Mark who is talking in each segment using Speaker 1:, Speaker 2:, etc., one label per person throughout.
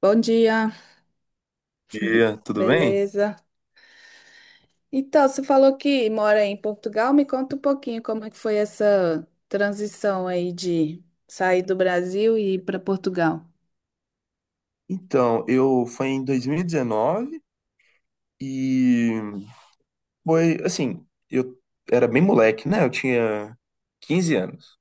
Speaker 1: Bom dia,
Speaker 2: Dia, tudo bem?
Speaker 1: beleza? Então, você falou que mora em Portugal, me conta um pouquinho como é que foi essa transição aí de sair do Brasil e ir para Portugal.
Speaker 2: Então, eu foi em 2019 e foi assim, eu era bem moleque, né? Eu tinha 15 anos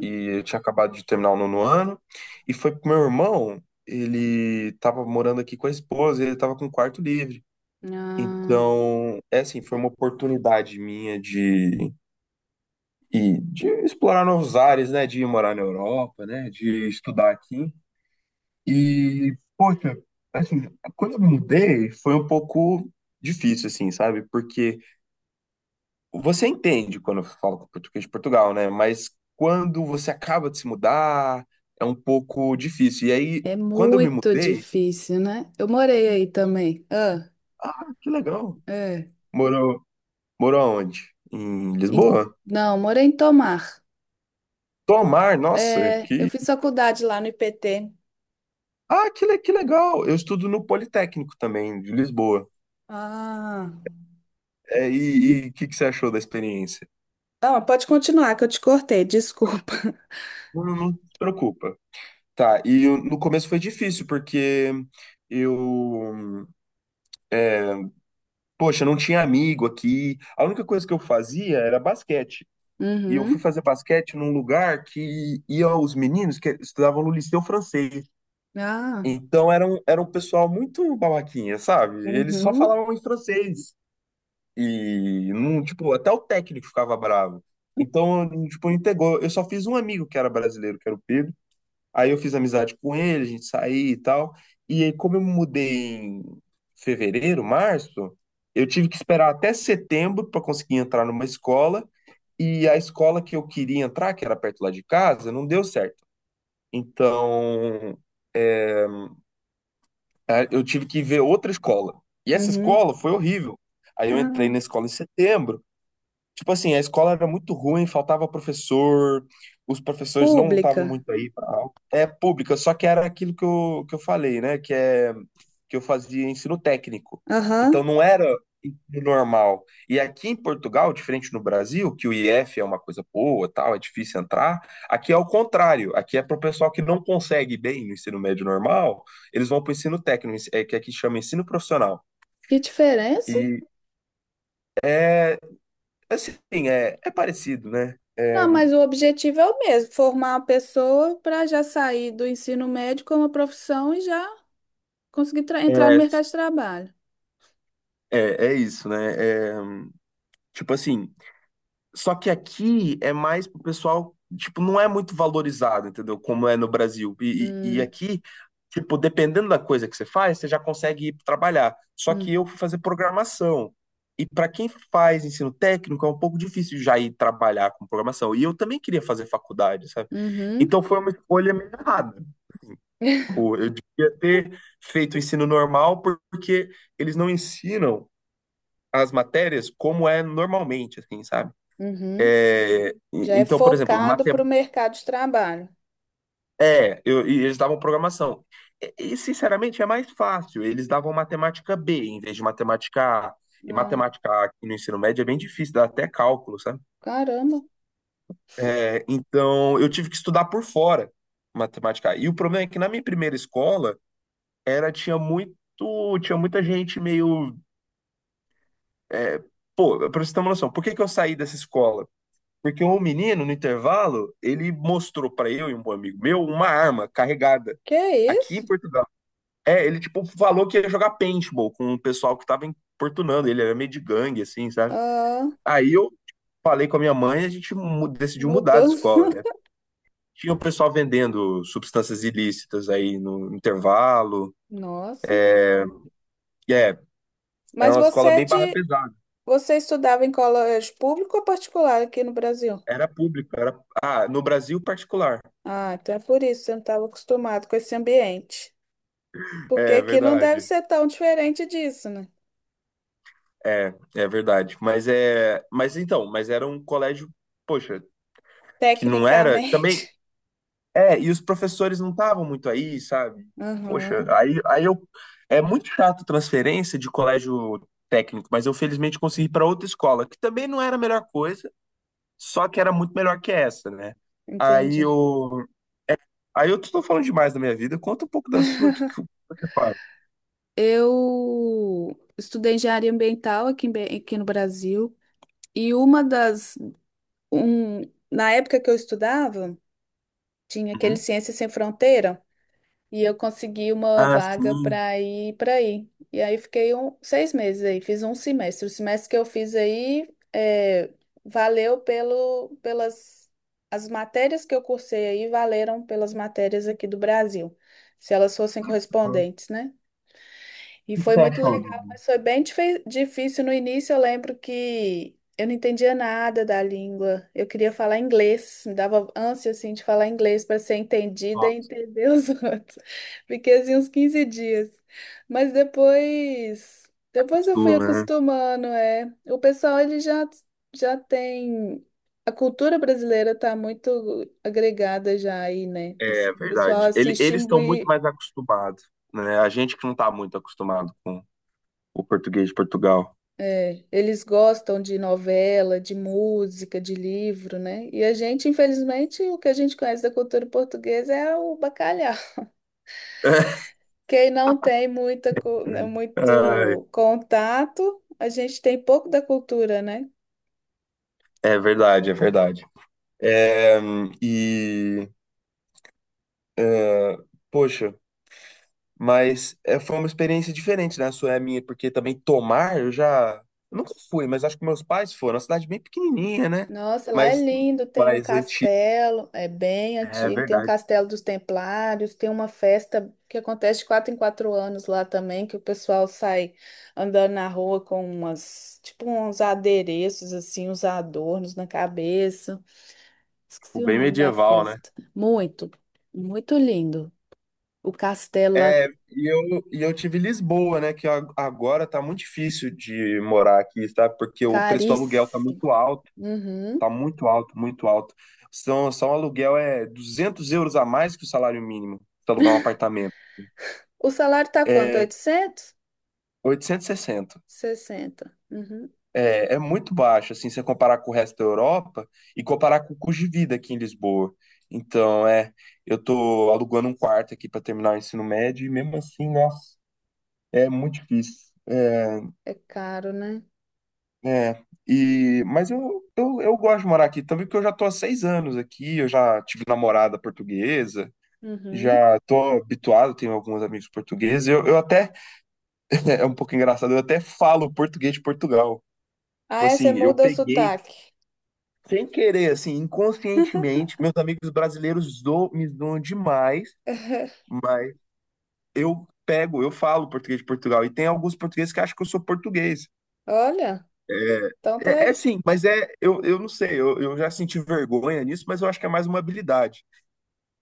Speaker 2: e eu tinha acabado de terminar o nono ano e foi pro meu irmão, ele tava morando aqui com a esposa, ele tava com o quarto livre.
Speaker 1: ah,
Speaker 2: Então, é assim, foi uma oportunidade minha de explorar novos ares, né? De ir morar na Europa, né? De estudar aqui. E, poxa, assim, quando eu me mudei, foi um pouco difícil, assim, sabe? Porque você entende quando eu falo português de Portugal, né? Mas quando você acaba de se mudar, é um pouco difícil. E aí,
Speaker 1: é
Speaker 2: quando eu me
Speaker 1: muito
Speaker 2: mudei,
Speaker 1: difícil, né? Eu morei aí também. Ah,
Speaker 2: ah, que legal.
Speaker 1: é.
Speaker 2: Morou, morou onde? Em
Speaker 1: E-
Speaker 2: Lisboa?
Speaker 1: não, morei em Tomar.
Speaker 2: Tomar, nossa,
Speaker 1: É, eu
Speaker 2: que.
Speaker 1: fiz faculdade lá no IPT.
Speaker 2: Ah, que legal! Eu estudo no Politécnico também, de Lisboa.
Speaker 1: Ah,
Speaker 2: É, e o que, que você achou da experiência?
Speaker 1: não, mas pode continuar que eu te cortei, desculpa.
Speaker 2: Não, não se preocupa. Tá, no começo foi difícil, porque eu, poxa, não tinha amigo aqui. A única coisa que eu fazia era basquete. E eu fui
Speaker 1: Uhum.
Speaker 2: fazer basquete num lugar que ia os meninos que estudavam no Liceu Francês.
Speaker 1: Ah,
Speaker 2: Então era um pessoal muito babaquinha, sabe? Eles só
Speaker 1: uhum,
Speaker 2: falavam em francês. E não, tipo, até o técnico ficava bravo. Então, tipo, não pegou. Eu só fiz um amigo que era brasileiro, que era o Pedro. Aí eu fiz amizade com ele, a gente saía e tal. E aí, como eu me mudei em fevereiro, março, eu tive que esperar até setembro para conseguir entrar numa escola. E a escola que eu queria entrar, que era perto lá de casa, não deu certo. Então, é, eu tive que ver outra escola. E essa
Speaker 1: uhum.
Speaker 2: escola foi horrível. Aí eu entrei
Speaker 1: Ah.
Speaker 2: na escola em setembro. Tipo assim, a escola era muito ruim, faltava professor, os professores não estavam
Speaker 1: Pública.
Speaker 2: muito aí pra aula. É pública, só que era aquilo que eu falei, né? Que é que eu fazia ensino técnico. Então
Speaker 1: Aham.
Speaker 2: não era ensino normal. E aqui em Portugal, diferente no Brasil, que o IF é uma coisa boa, tal, é difícil entrar, aqui é o contrário. Aqui é para o pessoal que não consegue bem no ensino médio normal, eles vão para o ensino técnico, é que aqui chama ensino profissional.
Speaker 1: Que diferença?
Speaker 2: E é assim, é parecido, né?
Speaker 1: Não, mas o objetivo é o mesmo, formar uma pessoa para já sair do ensino médio com uma profissão e já conseguir entrar no
Speaker 2: É,
Speaker 1: mercado de trabalho.
Speaker 2: é, é isso, né? É, tipo assim, só que aqui é mais pro pessoal, tipo, não é muito valorizado, entendeu? Como é no Brasil. E
Speaker 1: Hum,
Speaker 2: aqui, tipo, dependendo da coisa que você faz, você já consegue ir trabalhar. Só que
Speaker 1: hum,
Speaker 2: eu fui fazer programação. E para quem faz ensino técnico, é um pouco difícil já ir trabalhar com programação. E eu também queria fazer faculdade, sabe?
Speaker 1: uhum,
Speaker 2: Então foi uma escolha meio errada. Pô, eu devia ter feito o ensino normal porque eles não ensinam as matérias como é normalmente, assim, sabe?
Speaker 1: uhum.
Speaker 2: É,
Speaker 1: Já é
Speaker 2: então, por exemplo,
Speaker 1: focado para o mercado de trabalho.
Speaker 2: e eles davam programação. E, sinceramente, é mais fácil. Eles davam matemática B em vez de matemática A. E
Speaker 1: Ah,
Speaker 2: matemática A aqui no ensino médio é bem difícil, dá até cálculo, sabe?
Speaker 1: caramba,
Speaker 2: É, então, eu tive que estudar por fora matemática A. E o problema é que na minha primeira escola era tinha muito, tinha muita gente meio, é, pô, pra você ter uma noção, por que que eu saí dessa escola? Porque um menino, no intervalo, ele mostrou pra eu e um bom amigo meu uma arma carregada
Speaker 1: que é
Speaker 2: aqui em
Speaker 1: isso?
Speaker 2: Portugal. É, ele tipo falou que ia jogar paintball com o pessoal que tava importunando, ele era meio de gangue, assim, sabe?
Speaker 1: Ah,
Speaker 2: Aí eu falei com a minha mãe e a gente decidiu mudar
Speaker 1: mudou.
Speaker 2: de escola, né? Tinha o pessoal vendendo substâncias ilícitas aí no intervalo.
Speaker 1: Nossa.
Speaker 2: E era
Speaker 1: Mas
Speaker 2: uma
Speaker 1: você
Speaker 2: escola
Speaker 1: é
Speaker 2: bem barra pesada.
Speaker 1: você estudava em colégio público ou particular aqui no Brasil?
Speaker 2: Era pública, era. Ah, no Brasil particular.
Speaker 1: Ah, então é por isso que você não estava acostumado com esse ambiente. Porque
Speaker 2: É
Speaker 1: aqui não deve
Speaker 2: verdade.
Speaker 1: ser tão diferente disso, né?
Speaker 2: É, é verdade. Mas era um colégio, poxa, que não era
Speaker 1: Tecnicamente.
Speaker 2: também. É, e os professores não estavam muito aí, sabe? Poxa,
Speaker 1: Aham,
Speaker 2: aí, aí eu é muito chato transferência de colégio técnico, mas eu felizmente consegui para outra escola, que também não era a melhor coisa, só que era muito melhor que essa, né? Aí
Speaker 1: entendi.
Speaker 2: eu, aí eu tô falando demais da minha vida. Conta um pouco da sua, o que que você faz?
Speaker 1: Eu estudei engenharia ambiental aqui, aqui no Brasil. E uma das. Um, na época que eu estudava, tinha aquele
Speaker 2: Uhum.
Speaker 1: Ciências Sem Fronteira. E eu consegui uma
Speaker 2: Ah,
Speaker 1: vaga
Speaker 2: sim.
Speaker 1: para ir para aí. E aí fiquei um, seis meses aí, fiz um semestre. O semestre que eu fiz aí é, valeu pelo, pelas as matérias que eu cursei aí, valeram pelas matérias aqui do Brasil, se elas fossem
Speaker 2: O
Speaker 1: correspondentes, né? E
Speaker 2: que que
Speaker 1: foi
Speaker 2: você
Speaker 1: muito
Speaker 2: achou
Speaker 1: legal,
Speaker 2: do?
Speaker 1: mas foi bem difícil no início. Eu lembro que eu não entendia nada da língua. Eu queria falar inglês, me dava ânsia assim de falar inglês para ser entendida e
Speaker 2: Nossa,
Speaker 1: entender os outros. Fiquei assim uns 15 dias. Mas depois, eu fui
Speaker 2: gostou, né?
Speaker 1: acostumando, é. O pessoal ele já tem a cultura brasileira tá muito agregada já aí, né? Assim,
Speaker 2: É
Speaker 1: o pessoal
Speaker 2: verdade.
Speaker 1: assiste.
Speaker 2: Eles estão muito mais acostumados, né? A gente que não está muito acostumado com o português de Portugal.
Speaker 1: É, eles gostam de novela, de música, de livro, né? E a gente, infelizmente, o que a gente conhece da cultura portuguesa é o bacalhau. Quem não tem muita, né,
Speaker 2: Ai,
Speaker 1: muito contato, a gente tem pouco da cultura, né?
Speaker 2: é verdade, é verdade. É, e, é, poxa, mas foi uma experiência diferente, né? A sua é a minha, porque também tomar, eu já. Eu nunca fui, mas acho que meus pais foram. É uma cidade bem pequenininha, né?
Speaker 1: Nossa, lá é
Speaker 2: Mas
Speaker 1: lindo, tem um
Speaker 2: mais antiga.
Speaker 1: castelo, é bem
Speaker 2: É
Speaker 1: antigo, tem um
Speaker 2: verdade,
Speaker 1: castelo dos Templários, tem uma festa que acontece de quatro em quatro anos lá também, que o pessoal sai andando na rua com umas, tipo uns adereços assim, uns adornos na cabeça.
Speaker 2: tipo,
Speaker 1: Esqueci o
Speaker 2: bem
Speaker 1: nome da
Speaker 2: medieval, né?
Speaker 1: festa. Muito, muito lindo. O castelo lá,
Speaker 2: É, e eu tive Lisboa, né? Que agora tá muito difícil de morar aqui, sabe? Porque o preço do aluguel
Speaker 1: caríssimo. Uhum.
Speaker 2: tá muito alto, muito alto. São, só um aluguel é 200 € a mais que o salário mínimo para alugar um apartamento.
Speaker 1: O salário tá quanto?
Speaker 2: É
Speaker 1: 860?
Speaker 2: 860.
Speaker 1: Uhum.
Speaker 2: É, é muito baixo, assim, se você comparar com o resto da Europa e comparar com o custo de vida aqui em Lisboa. Então, é, eu tô alugando um quarto aqui para terminar o ensino médio e mesmo assim, nossa, é muito difícil. É,
Speaker 1: É caro, né?
Speaker 2: É, e, mas eu, eu gosto de morar aqui também, porque eu já tô há 6 anos aqui, eu já tive namorada portuguesa,
Speaker 1: Uhum.
Speaker 2: já tô habituado, tenho alguns amigos portugueses, eu até, é um pouco engraçado, eu até falo português de Portugal.
Speaker 1: Ah,
Speaker 2: Tipo
Speaker 1: é, você
Speaker 2: assim, eu
Speaker 1: muda o
Speaker 2: peguei,
Speaker 1: sotaque.
Speaker 2: sem querer, assim, inconscientemente, meus amigos brasileiros me zoam demais, mas eu pego, eu falo português de Portugal, e tem alguns portugueses que acham que eu sou português.
Speaker 1: Olha, então tá,
Speaker 2: É, é sim, mas é, eu não sei, eu já senti vergonha nisso, mas eu acho que é mais uma habilidade.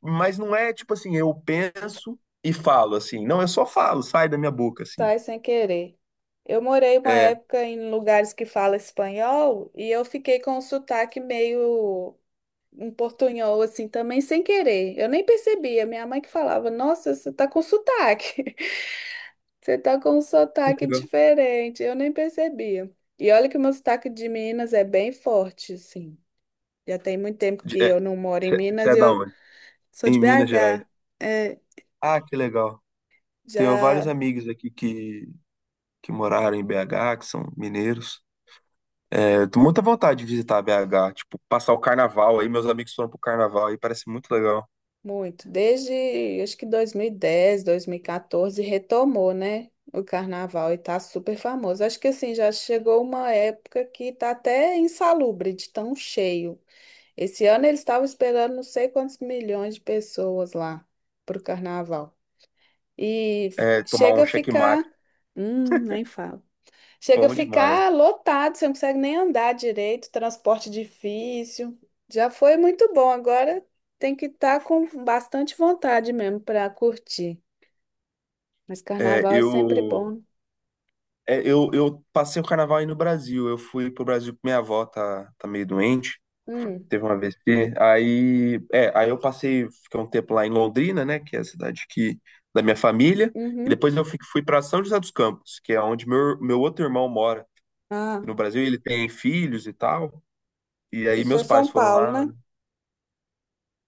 Speaker 2: Mas não é tipo assim, eu penso e falo assim. Não, eu só falo, sai da minha boca, assim.
Speaker 1: tá sem querer. Eu morei uma
Speaker 2: É, que
Speaker 1: época em lugares que fala espanhol e eu fiquei com o sotaque meio um portunhol, assim, também sem querer. Eu nem percebia. Minha mãe que falava, nossa, você tá com sotaque. Você tá com um sotaque
Speaker 2: legal.
Speaker 1: diferente. Eu nem percebia. E olha que o meu sotaque de Minas é bem forte, assim. Já tem muito tempo que
Speaker 2: É,
Speaker 1: eu não moro em
Speaker 2: você
Speaker 1: Minas
Speaker 2: é
Speaker 1: e
Speaker 2: da
Speaker 1: eu
Speaker 2: onde?
Speaker 1: sou de
Speaker 2: Em Minas Gerais.
Speaker 1: BH. É,
Speaker 2: Ah, que legal. Tenho vários
Speaker 1: já
Speaker 2: amigos aqui que moraram em BH, que são mineiros. É, eu tenho muita vontade de visitar BH, tipo, passar o carnaval aí. Meus amigos foram pro carnaval aí, parece muito legal.
Speaker 1: muito. Desde, acho que 2010, 2014, retomou, né? O carnaval e tá super famoso. Acho que assim, já chegou uma época que tá até insalubre de tão cheio. Esse ano eles estavam esperando não sei quantos milhões de pessoas lá pro carnaval. E
Speaker 2: É, tomar um
Speaker 1: chega a ficar,
Speaker 2: checkmate,
Speaker 1: nem fala. Chega a
Speaker 2: bom demais.
Speaker 1: ficar lotado, você não consegue nem andar direito, transporte difícil. Já foi muito bom, agora tem que estar com bastante vontade mesmo para curtir. Mas
Speaker 2: É,
Speaker 1: carnaval é sempre
Speaker 2: eu,
Speaker 1: bom.
Speaker 2: eu passei o carnaval aí no Brasil. Eu fui pro Brasil porque minha avó tá meio doente,
Speaker 1: Hum,
Speaker 2: teve um AVC. Aí, é, aí eu passei, fiquei um tempo lá em Londrina, né, que é a cidade que, da minha família. E
Speaker 1: uhum.
Speaker 2: depois eu fui para São José dos Campos, que é onde meu outro irmão mora
Speaker 1: Ah,
Speaker 2: no Brasil. Ele tem filhos e tal. E aí
Speaker 1: isso é
Speaker 2: meus pais
Speaker 1: São
Speaker 2: foram
Speaker 1: Paulo,
Speaker 2: lá.
Speaker 1: né?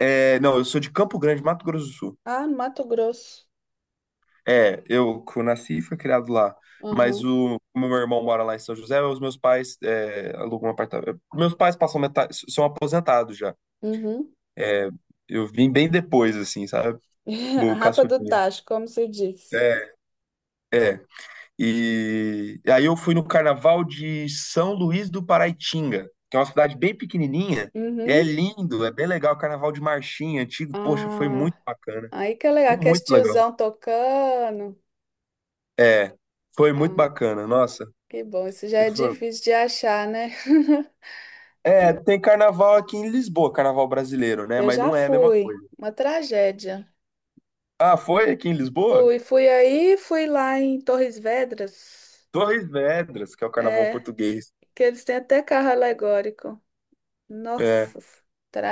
Speaker 2: É, não, eu sou de Campo Grande, Mato Grosso do Sul.
Speaker 1: Ah, no Mato Grosso.
Speaker 2: É, eu que nasci e fui criado lá. Mas
Speaker 1: Uhum,
Speaker 2: o, como meu irmão mora lá em São José, os meus pais é, alugam um apartamento. Meus pais passam metade, são aposentados já.
Speaker 1: uhum.
Speaker 2: é, Eu vim bem depois, assim, sabe?
Speaker 1: A
Speaker 2: Do
Speaker 1: Rapa do
Speaker 2: caçulinha.
Speaker 1: Tacho, como se diz.
Speaker 2: É, é. E aí eu fui no carnaval de São Luís do Paraitinga, que é uma cidade bem pequenininha. E é
Speaker 1: Uhum.
Speaker 2: lindo, é bem legal. Carnaval de Marchinha, antigo. Poxa, foi muito
Speaker 1: Ah,
Speaker 2: bacana.
Speaker 1: aí que é
Speaker 2: Foi
Speaker 1: legal, que é esse
Speaker 2: muito legal.
Speaker 1: tiozão tocando.
Speaker 2: É, foi muito
Speaker 1: Ah,
Speaker 2: bacana. Nossa,
Speaker 1: que bom, isso já é difícil de achar, né?
Speaker 2: é, tem carnaval aqui em Lisboa, carnaval brasileiro, né?
Speaker 1: Eu
Speaker 2: Mas
Speaker 1: já
Speaker 2: não é a mesma
Speaker 1: fui,
Speaker 2: coisa.
Speaker 1: uma tragédia.
Speaker 2: Ah, foi aqui em Lisboa?
Speaker 1: Fui, fui aí, fui lá em Torres Vedras,
Speaker 2: Torres Vedras, que é o carnaval
Speaker 1: é,
Speaker 2: português.
Speaker 1: que eles têm até carro alegórico.
Speaker 2: É,
Speaker 1: Nossa,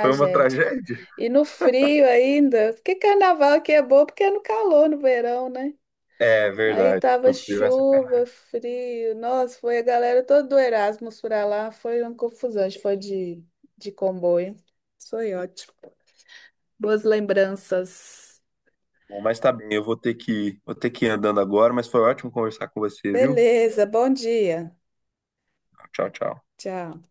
Speaker 2: foi uma tragédia?
Speaker 1: E no frio ainda, porque carnaval aqui é bom porque é no calor, no verão, né?
Speaker 2: É
Speaker 1: Aí
Speaker 2: verdade.
Speaker 1: tava
Speaker 2: Não frio essa
Speaker 1: chuva,
Speaker 2: carnaval.
Speaker 1: frio. Nossa, foi a galera toda do Erasmus pra lá. Foi uma confusão. A gente foi de comboio. Foi ótimo. Boas lembranças.
Speaker 2: Mas tá bem, eu vou ter que ir andando agora, mas foi ótimo conversar com você, viu?
Speaker 1: Beleza, bom dia.
Speaker 2: Tchau, tchau.
Speaker 1: Tchau.